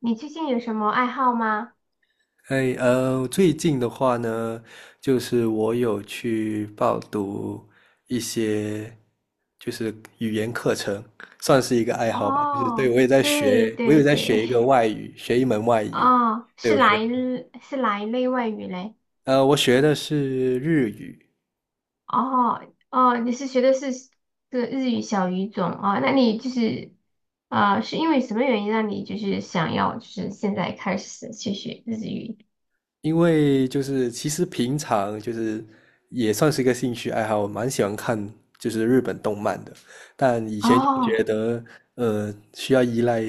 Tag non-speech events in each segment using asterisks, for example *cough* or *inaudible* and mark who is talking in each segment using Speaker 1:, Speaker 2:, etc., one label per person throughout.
Speaker 1: 你最近有什么爱好吗？
Speaker 2: 哎，最近的话呢，就是我有去报读一些，就是语言课程，算是一个爱好吧。就是对，
Speaker 1: 哦，
Speaker 2: 我也在
Speaker 1: 对
Speaker 2: 学，我有
Speaker 1: 对
Speaker 2: 在
Speaker 1: 对，
Speaker 2: 学一个外语，学一门外
Speaker 1: *laughs*
Speaker 2: 语。
Speaker 1: 哦，
Speaker 2: 对，
Speaker 1: 是哪一是哪一类外语嘞？
Speaker 2: 我学的是日语。
Speaker 1: 哦哦，你是学的是这个日语小语种哦？那你就是是因为什么原因让你就是想要就是现在开始去学日语？
Speaker 2: 因为就是其实平常就是也算是一个兴趣爱好，我蛮喜欢看就是日本动漫的，但以前就
Speaker 1: 哦，
Speaker 2: 觉得需要依赖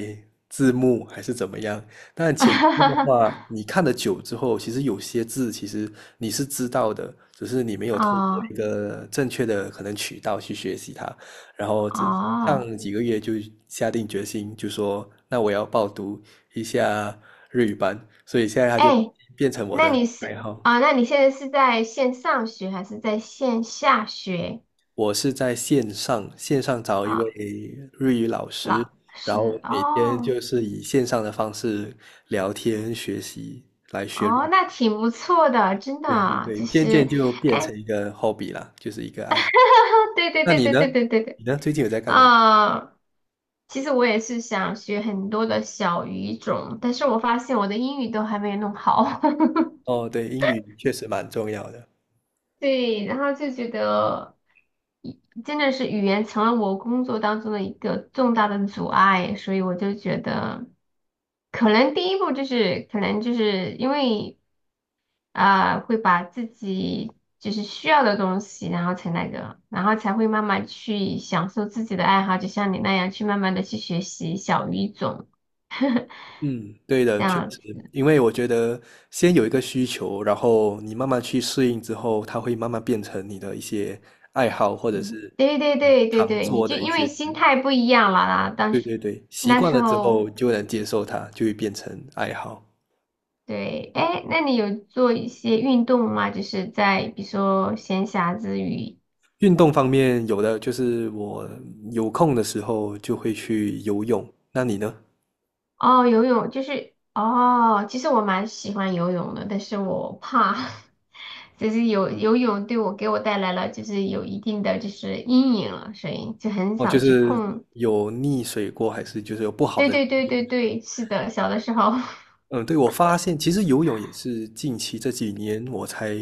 Speaker 2: 字幕还是怎么样，但潜移的
Speaker 1: *laughs*
Speaker 2: 话，你看的久之后，其实有些字其实你是知道的，只是你没有通过
Speaker 1: 哦
Speaker 2: 一个正确的可能渠道去学习它，然后这
Speaker 1: 哦，
Speaker 2: 上几个月就下定决心，就说那我要报读一下日语班，所以现在他就
Speaker 1: 哎，
Speaker 2: 变成我的爱好。
Speaker 1: 那你现在是在线上学还是在线下学？
Speaker 2: 我是在线上线上找一位
Speaker 1: 啊？
Speaker 2: 日语老师，
Speaker 1: 老
Speaker 2: 然后
Speaker 1: 师
Speaker 2: 每天
Speaker 1: 哦
Speaker 2: 就是以线上的方式聊天学习来学日
Speaker 1: 哦，
Speaker 2: 语。
Speaker 1: 那挺不错的，真的
Speaker 2: 对对
Speaker 1: 啊，
Speaker 2: 对，
Speaker 1: 就
Speaker 2: 渐
Speaker 1: 是
Speaker 2: 渐就变成
Speaker 1: 哎，
Speaker 2: 一个 hobby 啦，就是一个爱好。
Speaker 1: *laughs* 对对
Speaker 2: 那
Speaker 1: 对
Speaker 2: 你
Speaker 1: 对
Speaker 2: 呢？
Speaker 1: 对对对对，
Speaker 2: 你呢？最近有在干嘛？
Speaker 1: 啊、其实我也是想学很多的小语种，但是我发现我的英语都还没有弄好，
Speaker 2: 哦，对，英语确实蛮重要的。
Speaker 1: *laughs* 对，然后就觉得真的是语言成了我工作当中的一个重大的阻碍，所以我就觉得可能第一步就是可能就是因为。啊，会把自己就是需要的东西，然后才那个，然后才会慢慢去享受自己的爱好，就像你那样去慢慢的去学习小语种，
Speaker 2: 嗯，对
Speaker 1: *laughs*
Speaker 2: 的，
Speaker 1: 这
Speaker 2: 确
Speaker 1: 样子。
Speaker 2: 实，因为我觉得先有一个需求，然后你慢慢去适应之后，它会慢慢变成你的一些爱好，或者是
Speaker 1: 对对对对
Speaker 2: 常
Speaker 1: 对，你
Speaker 2: 做
Speaker 1: 就
Speaker 2: 的一
Speaker 1: 因
Speaker 2: 些
Speaker 1: 为心
Speaker 2: 事。
Speaker 1: 态不一样了啦，当
Speaker 2: 对
Speaker 1: 时
Speaker 2: 对对，习
Speaker 1: 那
Speaker 2: 惯
Speaker 1: 时
Speaker 2: 了之后
Speaker 1: 候
Speaker 2: 就能接受它，就会变成爱好。
Speaker 1: 对，哎，那你有做一些运动吗？就是在比如说闲暇之余。
Speaker 2: 运动方面，有的就是我有空的时候就会去游泳。那你呢？
Speaker 1: 哦，游泳就是哦，其实我蛮喜欢游泳的，但是我怕，*laughs* 就是游泳对我给我带来了就是有一定的就是阴影了，所以就很
Speaker 2: 哦，就
Speaker 1: 少去
Speaker 2: 是
Speaker 1: 碰。
Speaker 2: 有溺水过，还是就是有不好
Speaker 1: 对
Speaker 2: 的？
Speaker 1: 对对对对，是的，小的时候。*laughs*
Speaker 2: 嗯，对，我发现其实游泳也是近期这几年我才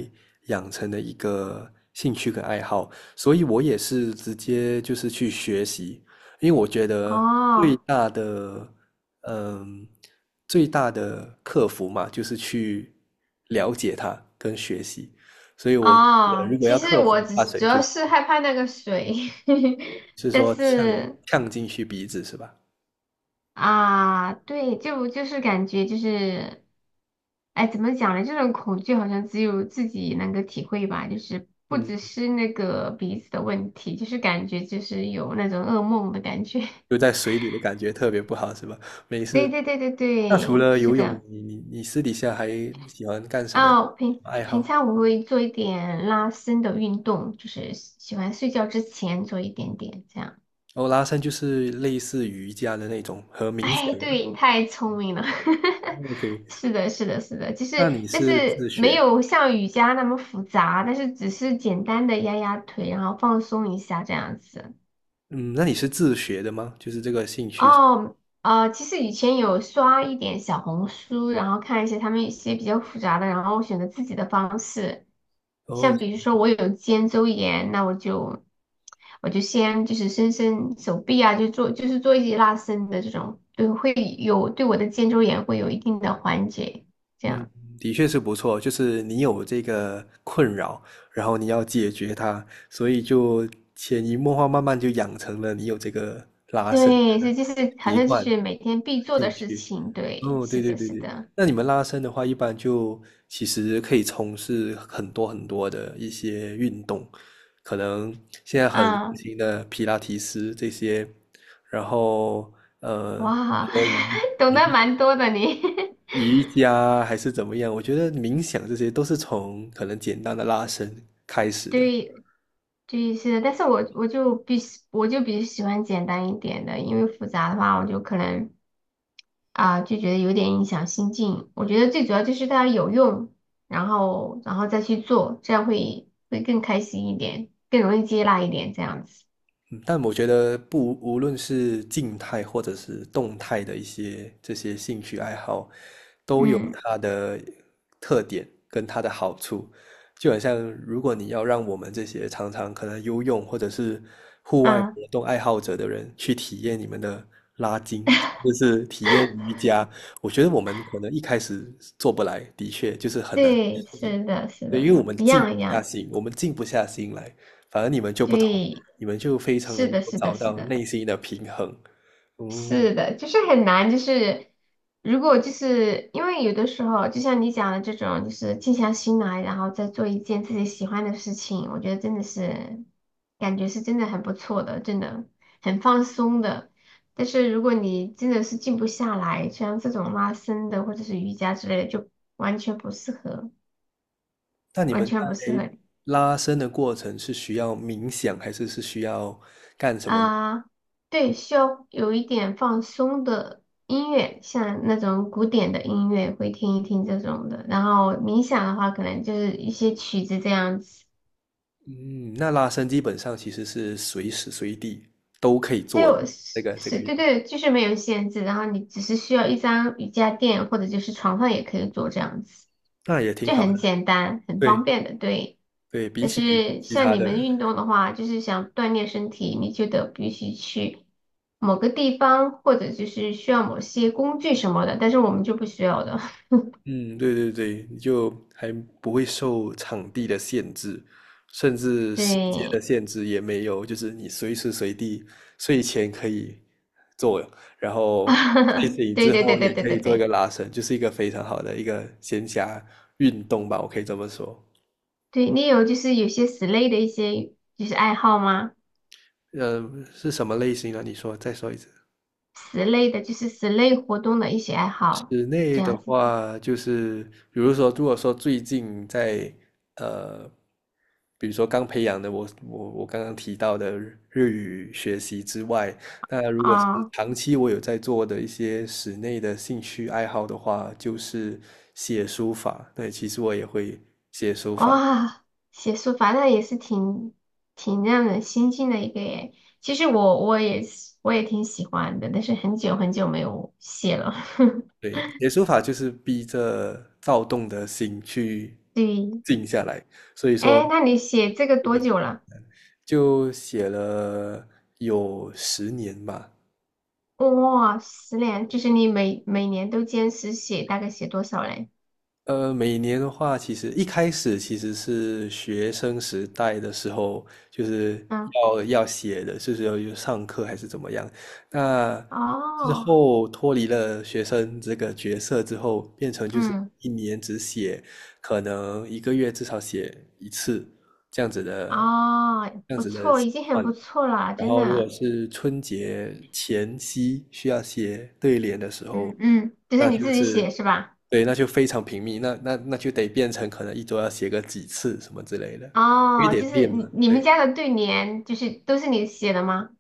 Speaker 2: 养成的一个兴趣跟爱好，所以我也是直接就是去学习，因为我觉得最
Speaker 1: 哦
Speaker 2: 大的，嗯，最大的克服嘛，就是去了解它跟学习，所以我觉得
Speaker 1: 哦，
Speaker 2: 如果
Speaker 1: 其
Speaker 2: 要
Speaker 1: 实
Speaker 2: 克服
Speaker 1: 我只
Speaker 2: 怕水
Speaker 1: 主
Speaker 2: 就，
Speaker 1: 要是害怕那个水，*laughs*
Speaker 2: 就是
Speaker 1: 但
Speaker 2: 说呛
Speaker 1: 是
Speaker 2: 呛进去鼻子是吧？
Speaker 1: 啊，对，就是感觉就是，哎，怎么讲呢？这种恐惧好像只有自己能够体会吧，就是不
Speaker 2: 嗯，
Speaker 1: 只是那个鼻子的问题，就是感觉就是有那种噩梦的感觉。*laughs*
Speaker 2: 就在水里的感觉特别不好是吧？没
Speaker 1: 对
Speaker 2: 事。
Speaker 1: 对对对
Speaker 2: 那除
Speaker 1: 对，
Speaker 2: 了
Speaker 1: 是
Speaker 2: 游泳，
Speaker 1: 的。
Speaker 2: 你私底下还喜欢干什么
Speaker 1: 哦，平
Speaker 2: 爱
Speaker 1: 平
Speaker 2: 好？
Speaker 1: 常我会做一点拉伸的运动，就是喜欢睡觉之前做一点点这样。
Speaker 2: 哦，拉伸就是类似瑜伽的那种和
Speaker 1: *laughs*
Speaker 2: 冥想
Speaker 1: 哎，
Speaker 2: 吗。
Speaker 1: 对，你太聪明了。*laughs*
Speaker 2: OK，
Speaker 1: 是的，是的，是的，就
Speaker 2: 那
Speaker 1: 是
Speaker 2: 你
Speaker 1: 但
Speaker 2: 是自
Speaker 1: 是没
Speaker 2: 学？
Speaker 1: 有像瑜伽那么复杂，但是只是简单的压压腿，然后放松一下这样子。
Speaker 2: 嗯，那你是自学的吗？就是这个兴趣。
Speaker 1: 哦，其实以前有刷一点小红书，然后看一些他们一些比较复杂的，然后选择自己的方式。
Speaker 2: 哦，
Speaker 1: 像比如说我有肩周炎，那我就先就是伸伸手臂啊，就是做一些拉伸的这种，对，会有对我的肩周炎会有一定的缓解。这
Speaker 2: 嗯，
Speaker 1: 样，
Speaker 2: 的确是不错。就是你有这个困扰，然后你要解决它，所以就潜移默化，慢慢就养成了你有这个拉伸的
Speaker 1: 对，所以就是好
Speaker 2: 习
Speaker 1: 像就
Speaker 2: 惯。
Speaker 1: 是每天必做
Speaker 2: 自己
Speaker 1: 的事
Speaker 2: 去。
Speaker 1: 情。对，
Speaker 2: 哦，
Speaker 1: 是
Speaker 2: 对对
Speaker 1: 的，
Speaker 2: 对
Speaker 1: 是
Speaker 2: 对，
Speaker 1: 的，
Speaker 2: 那你们拉伸的话，一般就其实可以从事很多很多的一些运动，可能现在很流
Speaker 1: 啊，
Speaker 2: 行的皮拉提斯这些，然后呃，比
Speaker 1: 哇，
Speaker 2: 如说
Speaker 1: *laughs* 懂得
Speaker 2: 瑜
Speaker 1: 蛮多的你。*laughs*
Speaker 2: 瑜伽还是怎么样，我觉得冥想这些都是从可能简单的拉伸开始的。
Speaker 1: 对，对，是的，但是我就比较喜欢简单一点的，因为复杂的话，我就可能。啊，就觉得有点影响心境。我觉得最主要就是它有用，然后再去做，这样会更开心一点，更容易接纳一点这样子。
Speaker 2: 嗯，但我觉得不，无论是静态或者是动态的一些这些兴趣爱好，都有
Speaker 1: 嗯
Speaker 2: 它的特点跟它的好处。就好像，如果你要让我们这些常常可能游泳或者是户外
Speaker 1: 啊，
Speaker 2: 活动爱好者的人去体验你们的拉筋，就是体验瑜伽，我觉得我们可能一开始做不来，的确就是很难
Speaker 1: 对，
Speaker 2: 适应。
Speaker 1: 是的，是的，一样一样的，
Speaker 2: 我们静不下心来。反而你们就不同，
Speaker 1: 对，
Speaker 2: 你们就非常
Speaker 1: 是
Speaker 2: 能
Speaker 1: 的，
Speaker 2: 够
Speaker 1: 是的，
Speaker 2: 找
Speaker 1: 是
Speaker 2: 到
Speaker 1: 的。
Speaker 2: 内心的平衡。嗯，
Speaker 1: 是的，就是很难，就是如果就是因为有的时候，就像你讲的这种，就是静下心来，然后再做一件自己喜欢的事情，我觉得真的是感觉是真的很不错的，真的很放松的。但是如果你真的是静不下来，像这种拉伸的或者是瑜伽之类的，就完全不适合，
Speaker 2: 那你
Speaker 1: 完
Speaker 2: 们
Speaker 1: 全不适
Speaker 2: 在
Speaker 1: 合。
Speaker 2: 拉伸的过程是需要冥想，还是是需要干什么？
Speaker 1: 啊，对，需要有一点放松的音乐，像那种古典的音乐会听一听这种的。然后冥想的话，可能就是一些曲子这样子。
Speaker 2: 嗯，那拉伸基本上其实是随时随地都可以
Speaker 1: 对，
Speaker 2: 做的，
Speaker 1: 我
Speaker 2: 这
Speaker 1: 是
Speaker 2: 个这个
Speaker 1: 是，
Speaker 2: 运
Speaker 1: 对
Speaker 2: 动，
Speaker 1: 对，就是没有限制，然后你只是需要一张瑜伽垫或者就是床上也可以做这样子，
Speaker 2: 那也挺
Speaker 1: 就
Speaker 2: 好的。
Speaker 1: 很简单，很
Speaker 2: 对
Speaker 1: 方便的，对。
Speaker 2: 对，比
Speaker 1: 但
Speaker 2: 起
Speaker 1: 是
Speaker 2: 其
Speaker 1: 像
Speaker 2: 他
Speaker 1: 你
Speaker 2: 的。
Speaker 1: 们运动的话，就是想锻炼身体，你就得必须去某个地方，或者就是需要某些工具什么的，但是我们就不需要的。
Speaker 2: 嗯，对对对，就还不会受场地的限制，甚
Speaker 1: *laughs*
Speaker 2: 至时间的
Speaker 1: 对，
Speaker 2: 限制也没有，就是你随时随地睡前可以做，然后睡
Speaker 1: *laughs*
Speaker 2: 醒
Speaker 1: 对
Speaker 2: 之
Speaker 1: 对对
Speaker 2: 后
Speaker 1: 对
Speaker 2: 也
Speaker 1: 对
Speaker 2: 可
Speaker 1: 对
Speaker 2: 以做一个
Speaker 1: 对，
Speaker 2: 拉伸，就是一个非常好的一个闲暇运动吧，我可以这么说。
Speaker 1: 对你有就是有些室内的一些就是爱好吗？
Speaker 2: 是什么类型呢？你说，再说一次。
Speaker 1: 此类的，就是此类活动的一些爱好，
Speaker 2: 室内
Speaker 1: 这
Speaker 2: 的
Speaker 1: 样子
Speaker 2: 话，就是比如说，如果说最近在呃，比如说刚培养的我刚刚提到的日语学习之外，那如果是
Speaker 1: 啊，
Speaker 2: 长期我有在做的一些室内的兴趣爱好的话，就是写书法。对，其实我也会写书法。
Speaker 1: 哇，写书法那也是挺让人心静的一个耶。其实我也挺喜欢的，但是很久很久没有写了。*laughs*
Speaker 2: 对，写书法就是逼着躁动的心去
Speaker 1: 对，
Speaker 2: 静下来，
Speaker 1: 哎，那你写这个多久了？
Speaker 2: 就写了有10年吧。
Speaker 1: 哇，10年，就是你每年都坚持写，大概写多少嘞？
Speaker 2: 每年的话，其实一开始其实是学生时代的时候，就是
Speaker 1: 嗯，
Speaker 2: 要写的，就是要有上课还是怎么样。那之
Speaker 1: 哦，
Speaker 2: 后脱离了学生这个角色之后，变成就是
Speaker 1: 嗯，
Speaker 2: 一年只写，可能一个月至少写一次这样子的，
Speaker 1: 哦，
Speaker 2: 这样
Speaker 1: 不
Speaker 2: 子的
Speaker 1: 错，
Speaker 2: 习
Speaker 1: 已经很
Speaker 2: 惯。
Speaker 1: 不错了，
Speaker 2: 然
Speaker 1: 真
Speaker 2: 后如果
Speaker 1: 的。
Speaker 2: 是春节前夕需要写对联的时候，
Speaker 1: 嗯嗯，就是
Speaker 2: 那
Speaker 1: 你
Speaker 2: 就
Speaker 1: 自己
Speaker 2: 是
Speaker 1: 写是吧？
Speaker 2: 对，那就非常频密，那就得变成可能一周要写个几次什么之类的，因为
Speaker 1: 哦，
Speaker 2: 得
Speaker 1: 就是
Speaker 2: 练
Speaker 1: 你
Speaker 2: 嘛。
Speaker 1: 你们
Speaker 2: 对，
Speaker 1: 家的对联，就是都是你写的吗？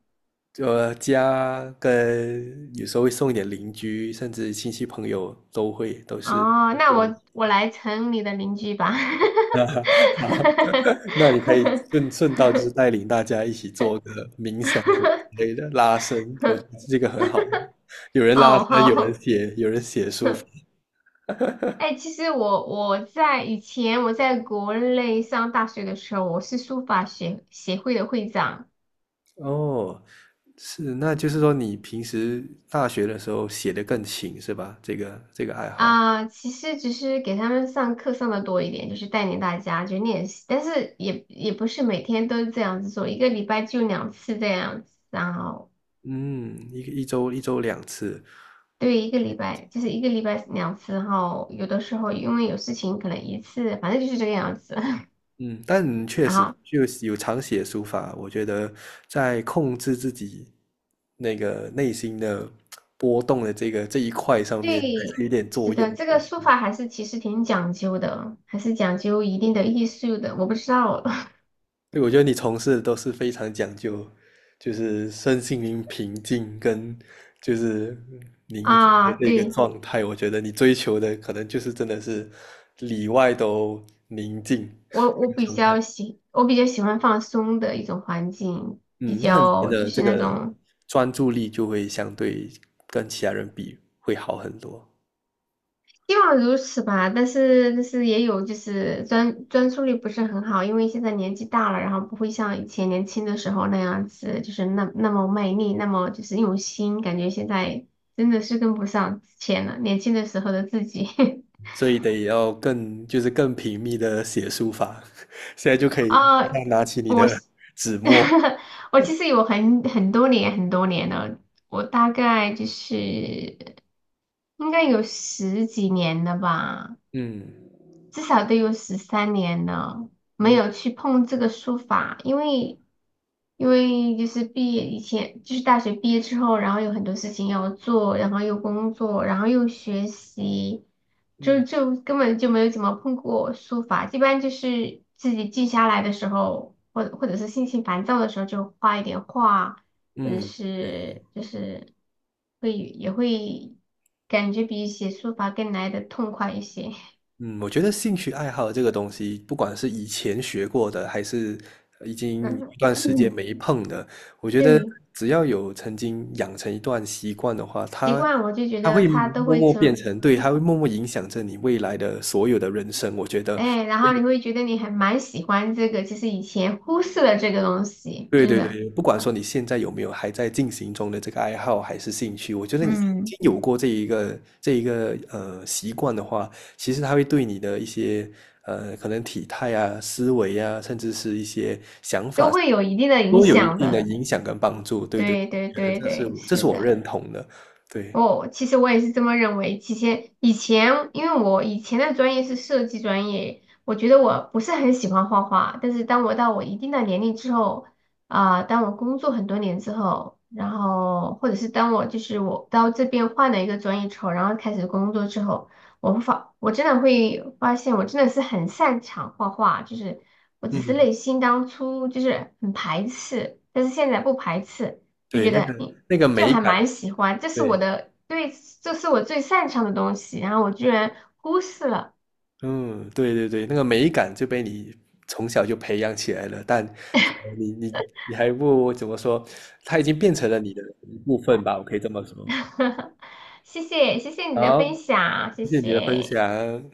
Speaker 2: 就家跟有时候会送一点邻居，甚至亲戚朋友都会都是。
Speaker 1: 哦，那我来成你的邻居吧。
Speaker 2: 啊，*laughs* 好，*laughs* 那你可以
Speaker 1: *laughs*
Speaker 2: 顺顺道就是带领大家一起做个冥想什么之类的拉伸，我觉得这个很好的有人拉
Speaker 1: 哦，
Speaker 2: 伸，有人
Speaker 1: 好，
Speaker 2: 写，有人写书法。
Speaker 1: 哎，其实我在以前在国内上大学的时候，我是书法协会的会长。
Speaker 2: 哦，是，那就是说你平时大学的时候写的更勤是吧？这个这个爱好，
Speaker 1: 啊，其实只是给他们上课上的多一点，就是带领大家去练习，但是也不是每天都这样子做，一个礼拜就两次这样子，然后
Speaker 2: 嗯，一周两次。
Speaker 1: 对一个礼拜两次，然后有的时候因为有事情可能一次，反正就是这个样子。*laughs*
Speaker 2: 嗯，但确
Speaker 1: 然
Speaker 2: 实
Speaker 1: 后
Speaker 2: 就是有常写书法，我觉得在控制自己那个内心的波动的这个这一块上面是
Speaker 1: 对，
Speaker 2: 有点作
Speaker 1: 是
Speaker 2: 用。
Speaker 1: 的，这个书法还是其实挺讲究的，还是讲究一定的艺术的，我不知道
Speaker 2: 对，我觉得你从事的都是非常讲究，就是身心灵平静跟就是
Speaker 1: *laughs*
Speaker 2: 宁静
Speaker 1: 啊，
Speaker 2: 的这个
Speaker 1: 对。
Speaker 2: 状态。我觉得你追求的可能就是真的是里外都宁静。
Speaker 1: 我我比
Speaker 2: 状态。
Speaker 1: 较喜我比较喜欢放松的一种环境，比
Speaker 2: 嗯，那你们
Speaker 1: 较就
Speaker 2: 的这
Speaker 1: 是那
Speaker 2: 个
Speaker 1: 种
Speaker 2: 专注力就会相对跟其他人比会好很多，
Speaker 1: 希望如此吧。但是也有就是专注力不是很好，因为现在年纪大了，然后不会像以前年轻的时候那样子，就是那么卖力，那么就是用心，感觉现在真的是跟不上之前了，年轻的时候的自己。*laughs*
Speaker 2: 所以得要更就是更频密的写书法。*laughs* 现在就可以
Speaker 1: 啊、
Speaker 2: 拿起你
Speaker 1: 我
Speaker 2: 的纸墨，
Speaker 1: *laughs* 我其实有很多年很多年了，我大概就是应该有十几年了吧。
Speaker 2: 嗯
Speaker 1: 至少得有13年了，没有
Speaker 2: 嗯
Speaker 1: 去碰这个书法，因为就是毕业以前，就是大学毕业之后，然后有很多事情要做，然后又工作，然后又学习，就
Speaker 2: 嗯
Speaker 1: 就根本就没有怎么碰过书法，一般就是自己静下来的时候，或者是心情烦躁的时候，就画一点画，或者
Speaker 2: 嗯，
Speaker 1: 是就是会也会感觉比写书法更来的痛快一些。
Speaker 2: 嗯，我觉得兴趣爱好这个东西，不管是以前学过的，还是已经一
Speaker 1: 嗯，
Speaker 2: 段时间
Speaker 1: 嗯
Speaker 2: 没碰的，我觉得
Speaker 1: 对，
Speaker 2: 只要有曾经养成一段习惯的话，
Speaker 1: 习
Speaker 2: 它
Speaker 1: 惯我就觉得
Speaker 2: 会
Speaker 1: 它都
Speaker 2: 默
Speaker 1: 会
Speaker 2: 默变
Speaker 1: 成，
Speaker 2: 成，对，它会
Speaker 1: 嗯
Speaker 2: 默默影响着你未来的所有的人生。我觉得，
Speaker 1: 哎，然后你会觉得你还蛮喜欢这个，其实以前忽视了这个东西，
Speaker 2: 对
Speaker 1: 真
Speaker 2: 对
Speaker 1: 的，
Speaker 2: 对，不管说你现在有没有还在进行中的这个爱好还是兴趣，我觉得你曾
Speaker 1: 嗯，
Speaker 2: 经有过这一个习惯的话，其实它会对你的一些可能体态啊、思维啊，甚至是一些想
Speaker 1: 都
Speaker 2: 法
Speaker 1: 会有一定的影
Speaker 2: 都有一
Speaker 1: 响
Speaker 2: 定的
Speaker 1: 的。
Speaker 2: 影响跟帮助。对对，
Speaker 1: 对
Speaker 2: 我
Speaker 1: 对
Speaker 2: 觉得
Speaker 1: 对对，
Speaker 2: 这
Speaker 1: 是
Speaker 2: 是我
Speaker 1: 的。
Speaker 2: 认同的。对，
Speaker 1: 哦，其实我也是这么认为。其实以前，因为我以前的专业是设计专业，我觉得我不是很喜欢画画。但是当我到我一定的年龄之后，啊、当我工作很多年之后，然后或者是当我就是到这边换了一个专业之后，然后开始工作之后，我真的会发现我真的是很擅长画画，就是我只是
Speaker 2: 嗯，
Speaker 1: 内心当初就是很排斥，但是现在不排斥，就
Speaker 2: 对，
Speaker 1: 觉
Speaker 2: 那
Speaker 1: 得。
Speaker 2: 个那个
Speaker 1: 就
Speaker 2: 美
Speaker 1: 还
Speaker 2: 感，
Speaker 1: 蛮喜欢，这是我
Speaker 2: 对。
Speaker 1: 的，对，这是我最擅长的东西，然后我居然忽视了，
Speaker 2: 嗯，对对对，那个美感就被你从小就培养起来了，但可能你还不怎么说，它已经变成了你的一部分吧，我可以这么说。
Speaker 1: *laughs* 谢谢，谢谢你的分
Speaker 2: 好，
Speaker 1: 享，谢
Speaker 2: 谢谢你的分
Speaker 1: 谢。
Speaker 2: 享。